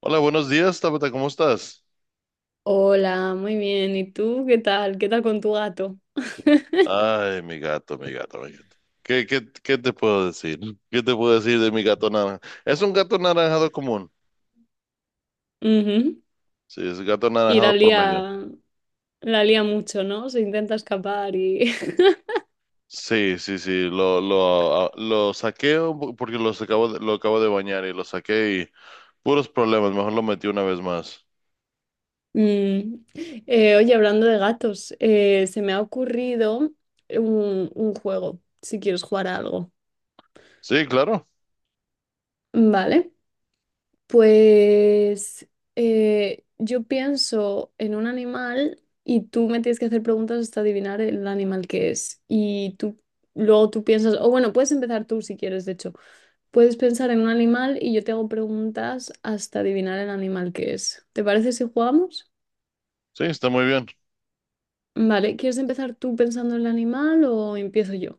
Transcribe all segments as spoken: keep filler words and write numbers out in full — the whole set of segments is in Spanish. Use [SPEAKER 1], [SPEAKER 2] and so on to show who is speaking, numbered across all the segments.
[SPEAKER 1] Hola, buenos días, Tabata, ¿cómo estás?
[SPEAKER 2] Hola, muy bien. ¿Y tú qué tal? ¿Qué tal con tu gato?
[SPEAKER 1] Ay, mi gato, mi gato, mi gato. ¿Qué, qué, qué te puedo decir? ¿Qué te puedo decir de mi gato naranja? Es un gato naranjado común.
[SPEAKER 2] Ujú.
[SPEAKER 1] Sí, es un gato
[SPEAKER 2] Y la
[SPEAKER 1] naranjado promedio.
[SPEAKER 2] lía, la lía mucho, ¿no? Se intenta escapar y...
[SPEAKER 1] Sí, sí, sí, lo, lo, ah, lo saqué un po- porque los acabo de- lo acabo de bañar y lo saqué y puros problemas, mejor lo metí una vez más.
[SPEAKER 2] Mm. Eh, oye, hablando de gatos, eh, se me ha ocurrido un, un juego, si quieres jugar a algo.
[SPEAKER 1] Sí, claro,
[SPEAKER 2] Vale, pues eh, yo pienso en un animal y tú me tienes que hacer preguntas hasta adivinar el animal que es. Y tú luego tú piensas, o bueno, puedes empezar tú si quieres, de hecho. Puedes pensar en un animal y yo te hago preguntas hasta adivinar el animal que es. ¿Te parece si jugamos?
[SPEAKER 1] sí, está muy bien.
[SPEAKER 2] Vale, ¿quieres empezar tú pensando en el animal o empiezo yo?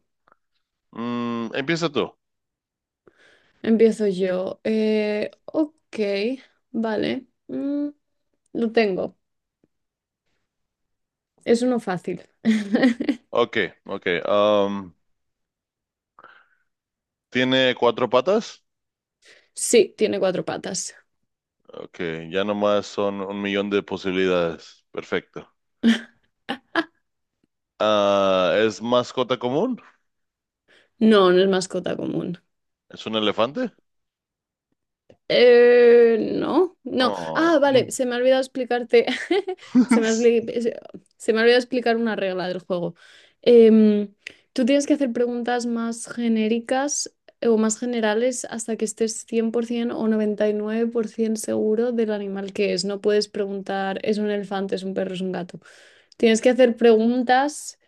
[SPEAKER 1] Mm, empieza tú.
[SPEAKER 2] Empiezo yo. Eh, ok, vale. Mm, lo tengo. Es uno fácil.
[SPEAKER 1] Ok, ok. Um, ¿tiene cuatro patas?
[SPEAKER 2] Sí, tiene cuatro patas.
[SPEAKER 1] Ok, ya nomás son un millón de posibilidades. Perfecto. Ah, ¿es mascota común?
[SPEAKER 2] No, no es mascota común.
[SPEAKER 1] ¿Es un elefante?
[SPEAKER 2] Eh, no, no.
[SPEAKER 1] Oh.
[SPEAKER 2] Ah, vale, se me ha olvidado explicarte. Se me ha, obli- se se me ha olvidado explicar una regla del juego. Em, Tú tienes que hacer preguntas más genéricas, eh, o más generales hasta que estés cien por ciento o noventa y nueve por ciento seguro del animal que es. No puedes preguntar, ¿es un elefante, es un perro, es un gato? Tienes que hacer preguntas.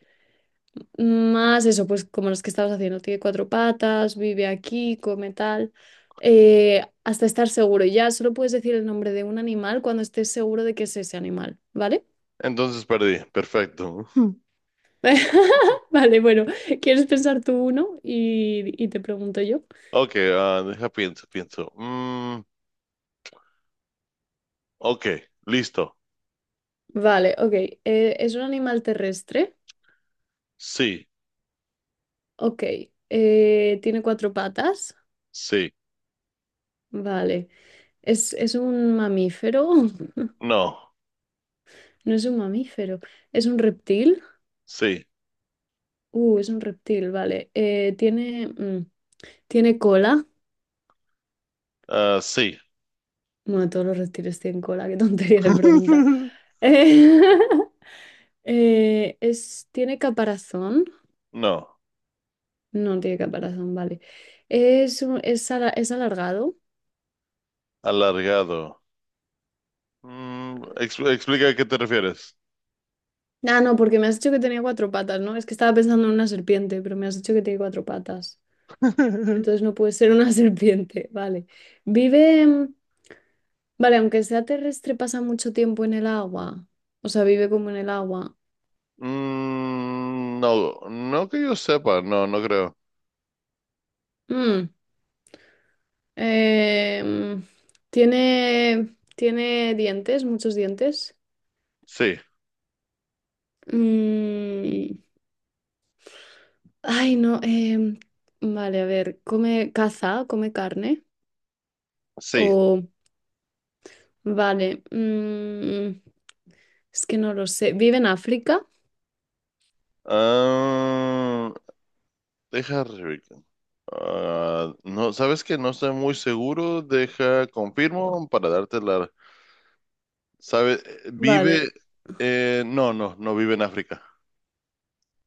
[SPEAKER 2] Más eso, pues como los que estabas haciendo, tiene cuatro patas, vive aquí, come tal, eh, hasta estar seguro. Ya solo puedes decir el nombre de un animal cuando estés seguro de que es ese animal, ¿vale?
[SPEAKER 1] Entonces perdí. Perfecto.
[SPEAKER 2] Vale, bueno, ¿quieres pensar tú uno y, y te pregunto yo?
[SPEAKER 1] Ok, ah, deja pienso, pienso. Mm, ok, listo.
[SPEAKER 2] Vale, ok. Eh, ¿es un animal terrestre?
[SPEAKER 1] Sí,
[SPEAKER 2] Ok. Eh, ¿tiene cuatro patas?
[SPEAKER 1] sí,
[SPEAKER 2] Vale. ¿Es, es un mamífero?
[SPEAKER 1] no,
[SPEAKER 2] No es un mamífero, es un reptil.
[SPEAKER 1] sí,
[SPEAKER 2] Uh, es un reptil, vale. Eh, tiene, mm, tiene cola.
[SPEAKER 1] ah, sí,
[SPEAKER 2] Bueno, todos los reptiles tienen cola, qué tontería de pregunta. Eh, eh, es, ¿Tiene caparazón?
[SPEAKER 1] no,
[SPEAKER 2] No tiene caparazón, vale. Es, un- es, ala- es alargado.
[SPEAKER 1] alargado. Mm, ex- explica a qué te refieres.
[SPEAKER 2] Ah, no, porque me has dicho que tenía cuatro patas, ¿no? Es que estaba pensando en una serpiente, pero me has dicho que tiene cuatro patas. Entonces no puede ser una serpiente, vale. Vive, mm, vale, aunque sea terrestre, pasa mucho tiempo en el agua. O sea, vive como en el agua.
[SPEAKER 1] Mm, no, no que yo sepa, no, no creo.
[SPEAKER 2] Mm, eh, mm, Tiene, tiene dientes, muchos dientes.
[SPEAKER 1] Sí,
[SPEAKER 2] Mm, ay, no. Em, vale, a ver, come caza, come carne.
[SPEAKER 1] sí.
[SPEAKER 2] O, vale. Mm, es que no lo sé. ¿Vive en África?
[SPEAKER 1] Ah, deja Rebeca. Ah, no, sabes que no estoy muy seguro. Deja, confirmo para darte la. ¿Sabe? Vive.
[SPEAKER 2] Vale.
[SPEAKER 1] Eh, no, no, no vive en África.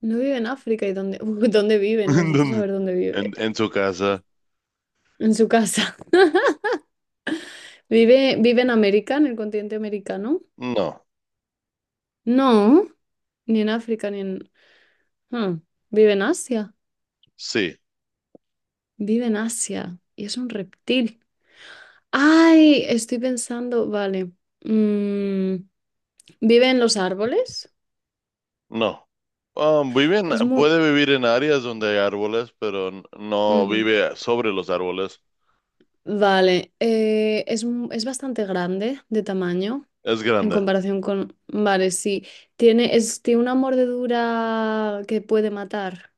[SPEAKER 2] No vive en África. ¿Y dónde, dónde vive?
[SPEAKER 1] ¿En
[SPEAKER 2] Necesito
[SPEAKER 1] dónde?
[SPEAKER 2] saber dónde
[SPEAKER 1] En,
[SPEAKER 2] vive.
[SPEAKER 1] en su casa.
[SPEAKER 2] En su casa. ¿Vive, vive en América, en el continente americano?
[SPEAKER 1] No,
[SPEAKER 2] No, ni en África, ni en... Hmm, ¿vive en Asia?
[SPEAKER 1] sí,
[SPEAKER 2] Vive en Asia y es un reptil. Ay, estoy pensando, vale. Mm, ¿vive en los árboles?
[SPEAKER 1] no. Ah, vive en-
[SPEAKER 2] Es muy...
[SPEAKER 1] puede vivir en áreas donde hay árboles, pero n- no
[SPEAKER 2] Ujú.
[SPEAKER 1] vive sobre los árboles.
[SPEAKER 2] Vale, eh, es, mu- es bastante grande de tamaño
[SPEAKER 1] Es
[SPEAKER 2] en
[SPEAKER 1] grande.
[SPEAKER 2] comparación con... Vale, sí. Tiene, es, tiene una mordedura que puede matar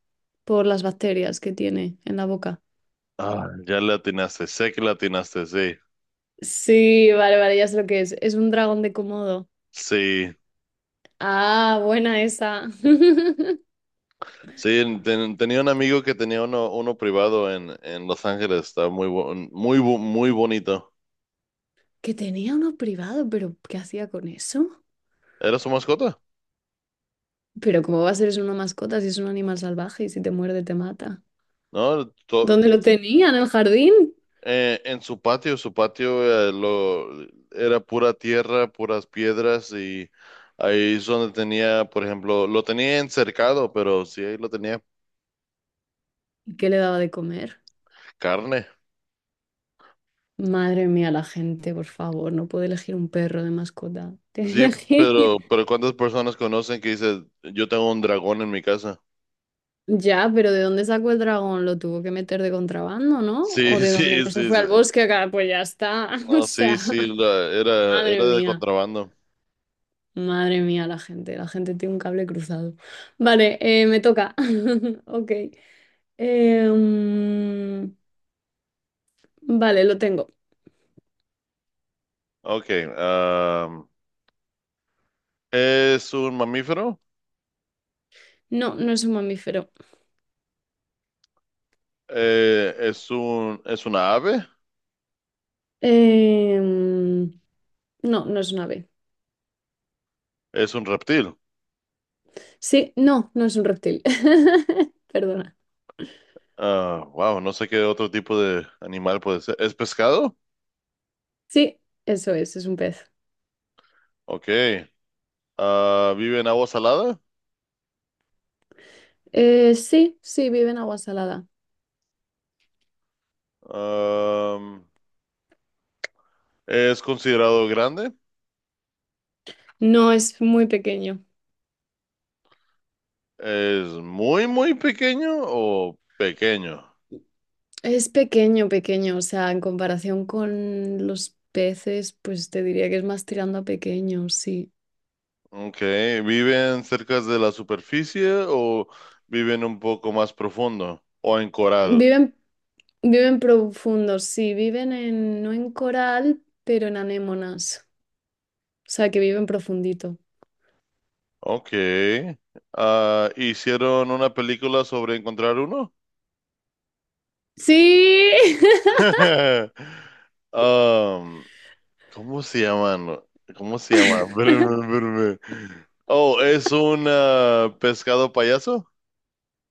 [SPEAKER 2] por las bacterias que tiene en la boca.
[SPEAKER 1] Ah, ya le atinaste, sé que le atinaste, sí,
[SPEAKER 2] Sí, vale, vale, ya sé lo que es. Es un dragón de Komodo.
[SPEAKER 1] sí.
[SPEAKER 2] Ah, buena esa.
[SPEAKER 1] Sí, ten- tenía un amigo que tenía uno, uno privado en, en Los Ángeles, estaba muy, bo- muy, bo- muy bonito.
[SPEAKER 2] Que tenía uno privado, pero ¿qué hacía con eso?
[SPEAKER 1] ¿Era su mascota?
[SPEAKER 2] Pero ¿cómo va a ser eso una mascota si es un animal salvaje y si te muerde te mata?
[SPEAKER 1] ¿No? To-
[SPEAKER 2] ¿Dónde lo tenía? ¿En el jardín?
[SPEAKER 1] eh, en su patio, su patio eh, lo, era pura tierra, puras piedras y ahí es donde tenía, por ejemplo, lo tenía encercado, pero sí, ahí lo tenía
[SPEAKER 2] ¿Y qué le daba de comer?
[SPEAKER 1] carne.
[SPEAKER 2] Madre mía, la gente, por favor, no puede elegir un perro de mascota. Tiene
[SPEAKER 1] Sí,
[SPEAKER 2] que elegir.
[SPEAKER 1] pero, pero ¿cuántas personas conocen que dice, yo tengo un dragón en mi casa?
[SPEAKER 2] Ya, pero ¿de dónde sacó el dragón? ¿Lo tuvo que meter de contrabando, no?
[SPEAKER 1] Sí,
[SPEAKER 2] ¿O de dónde
[SPEAKER 1] sí,
[SPEAKER 2] no se
[SPEAKER 1] sí,
[SPEAKER 2] fue
[SPEAKER 1] sí.
[SPEAKER 2] al bosque? ¿Acá? Pues ya está. O
[SPEAKER 1] No,
[SPEAKER 2] sea,
[SPEAKER 1] sí, sí, la- era,
[SPEAKER 2] madre
[SPEAKER 1] era de
[SPEAKER 2] mía,
[SPEAKER 1] contrabando.
[SPEAKER 2] madre mía, la gente. La gente tiene un cable cruzado. Vale, eh, me toca. Ok. Em, vale, lo tengo.
[SPEAKER 1] Ok, am, ¿es un mamífero?
[SPEAKER 2] No, no es un mamífero.
[SPEAKER 1] Eh, ¿es un, es una ave?
[SPEAKER 2] Em, no, no es un ave.
[SPEAKER 1] ¿Es un reptil?
[SPEAKER 2] Sí, no, no es un reptil. Perdona.
[SPEAKER 1] Ah, wow, no sé qué otro tipo de animal puede ser. ¿Es pescado?
[SPEAKER 2] Sí, eso es, es un pez.
[SPEAKER 1] Ok. Ah, ¿vive en agua salada?
[SPEAKER 2] Eh, sí, sí, vive en agua salada.
[SPEAKER 1] Am, ¿Es considerado grande?
[SPEAKER 2] No, es muy pequeño.
[SPEAKER 1] ¿Es muy, muy pequeño o pequeño?
[SPEAKER 2] Es pequeño, pequeño. O sea, en comparación con los peces, pues te diría que es más tirando a pequeño, sí.
[SPEAKER 1] Ok, ¿viven cerca de la superficie o viven un poco más profundo o en coral?
[SPEAKER 2] Viven, Viven profundos, sí, viven en, no en coral, pero en anémonas. O sea, que viven profundito.
[SPEAKER 1] Ok. Ah, hicieron una película sobre encontrar uno.
[SPEAKER 2] Sí,
[SPEAKER 1] Um, ¿Cómo se llaman? ¿Cómo se llama? Espérame, espérame. Oh, es un ah, pescado payaso.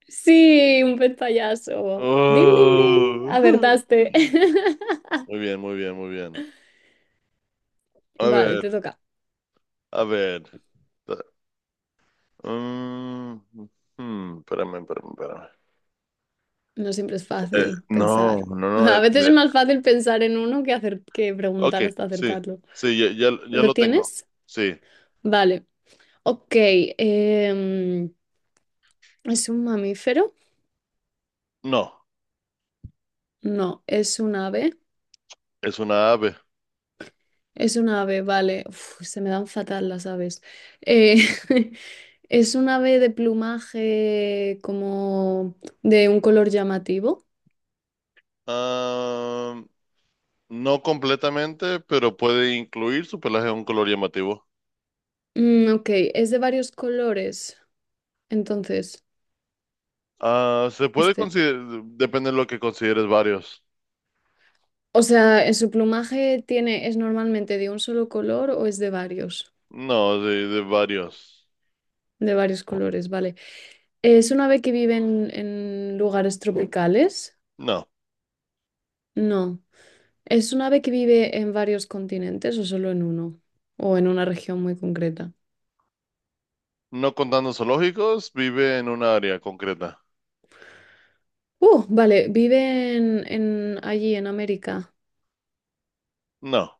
[SPEAKER 2] sí, un pantallazo. Ding, ding, ding.
[SPEAKER 1] Oh.
[SPEAKER 2] Acertaste.
[SPEAKER 1] Muy bien, muy bien, muy bien. A
[SPEAKER 2] Vale,
[SPEAKER 1] ver,
[SPEAKER 2] te toca.
[SPEAKER 1] a ver. Mm, hmm, espérame, espérame, espérame.
[SPEAKER 2] No siempre es
[SPEAKER 1] Eh,
[SPEAKER 2] fácil
[SPEAKER 1] no,
[SPEAKER 2] pensar.
[SPEAKER 1] no, no. eh,
[SPEAKER 2] A veces
[SPEAKER 1] eh,
[SPEAKER 2] es más fácil pensar en uno que, hacer, que
[SPEAKER 1] ok,
[SPEAKER 2] preguntar hasta
[SPEAKER 1] sí,
[SPEAKER 2] acertarlo.
[SPEAKER 1] sí, ya, ya, ya
[SPEAKER 2] ¿Lo
[SPEAKER 1] lo tengo.
[SPEAKER 2] tienes?
[SPEAKER 1] Sí,
[SPEAKER 2] Vale. Ok. em, ¿Es un mamífero?
[SPEAKER 1] no.
[SPEAKER 2] No, es un ave.
[SPEAKER 1] Es una ave.
[SPEAKER 2] Es un ave, vale. Uf, se me dan fatal las aves. Eh, es un ave de plumaje como de un color llamativo.
[SPEAKER 1] Ah, no completamente, pero puede incluir su pelaje a un color llamativo.
[SPEAKER 2] Mm, ok, es de varios colores. Entonces,
[SPEAKER 1] Ah, se puede
[SPEAKER 2] este.
[SPEAKER 1] considerar, depende de lo que consideres varios.
[SPEAKER 2] O sea, ¿en su plumaje tiene, es normalmente de un solo color o es de varios?
[SPEAKER 1] No, de, de varios.
[SPEAKER 2] De varios colores, vale. ¿Es un ave que vive en, en lugares tropicales?
[SPEAKER 1] No,
[SPEAKER 2] No. ¿Es un ave que vive en varios continentes o solo en uno? ¿O en una región muy concreta?
[SPEAKER 1] no contando zoológicos, vive en una área concreta.
[SPEAKER 2] Uh, vale, ¿vive en, en allí, en América?
[SPEAKER 1] No,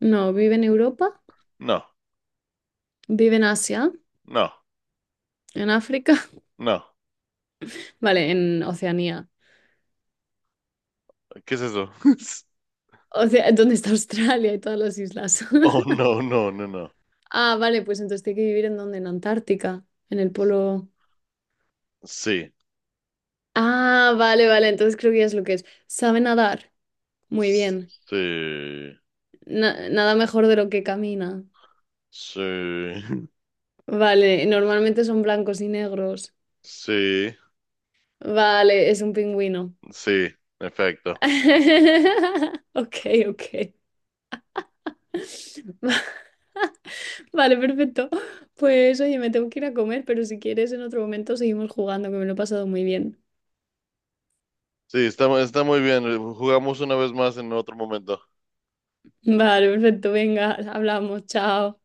[SPEAKER 2] No, ¿vive en Europa?
[SPEAKER 1] no,
[SPEAKER 2] ¿Vive en Asia?
[SPEAKER 1] no,
[SPEAKER 2] ¿En África?
[SPEAKER 1] no.
[SPEAKER 2] Vale, en Oceanía.
[SPEAKER 1] ¿Qué es eso?
[SPEAKER 2] O sea, ¿dónde está Australia y todas las islas?
[SPEAKER 1] Oh, no, no, no, no.
[SPEAKER 2] Ah, vale, pues entonces tiene que vivir en donde, en Antártica, en el polo.
[SPEAKER 1] Sí,
[SPEAKER 2] Ah, vale, vale, entonces creo que ya es lo que es. ¿Sabe nadar? Muy
[SPEAKER 1] sí,
[SPEAKER 2] bien. Na- nada mejor de lo que camina.
[SPEAKER 1] sí,
[SPEAKER 2] Vale, normalmente son blancos y negros.
[SPEAKER 1] sí,
[SPEAKER 2] Vale, es un pingüino.
[SPEAKER 1] sí, en efecto.
[SPEAKER 2] Ok, ok. Va- Vale, perfecto. Pues oye, me tengo que ir a comer, pero si quieres en otro momento seguimos jugando, que me lo he pasado muy bien.
[SPEAKER 1] Sí, está, está muy bien. Jugamos una vez más en otro momento.
[SPEAKER 2] Vale, perfecto, venga, hablamos, chao.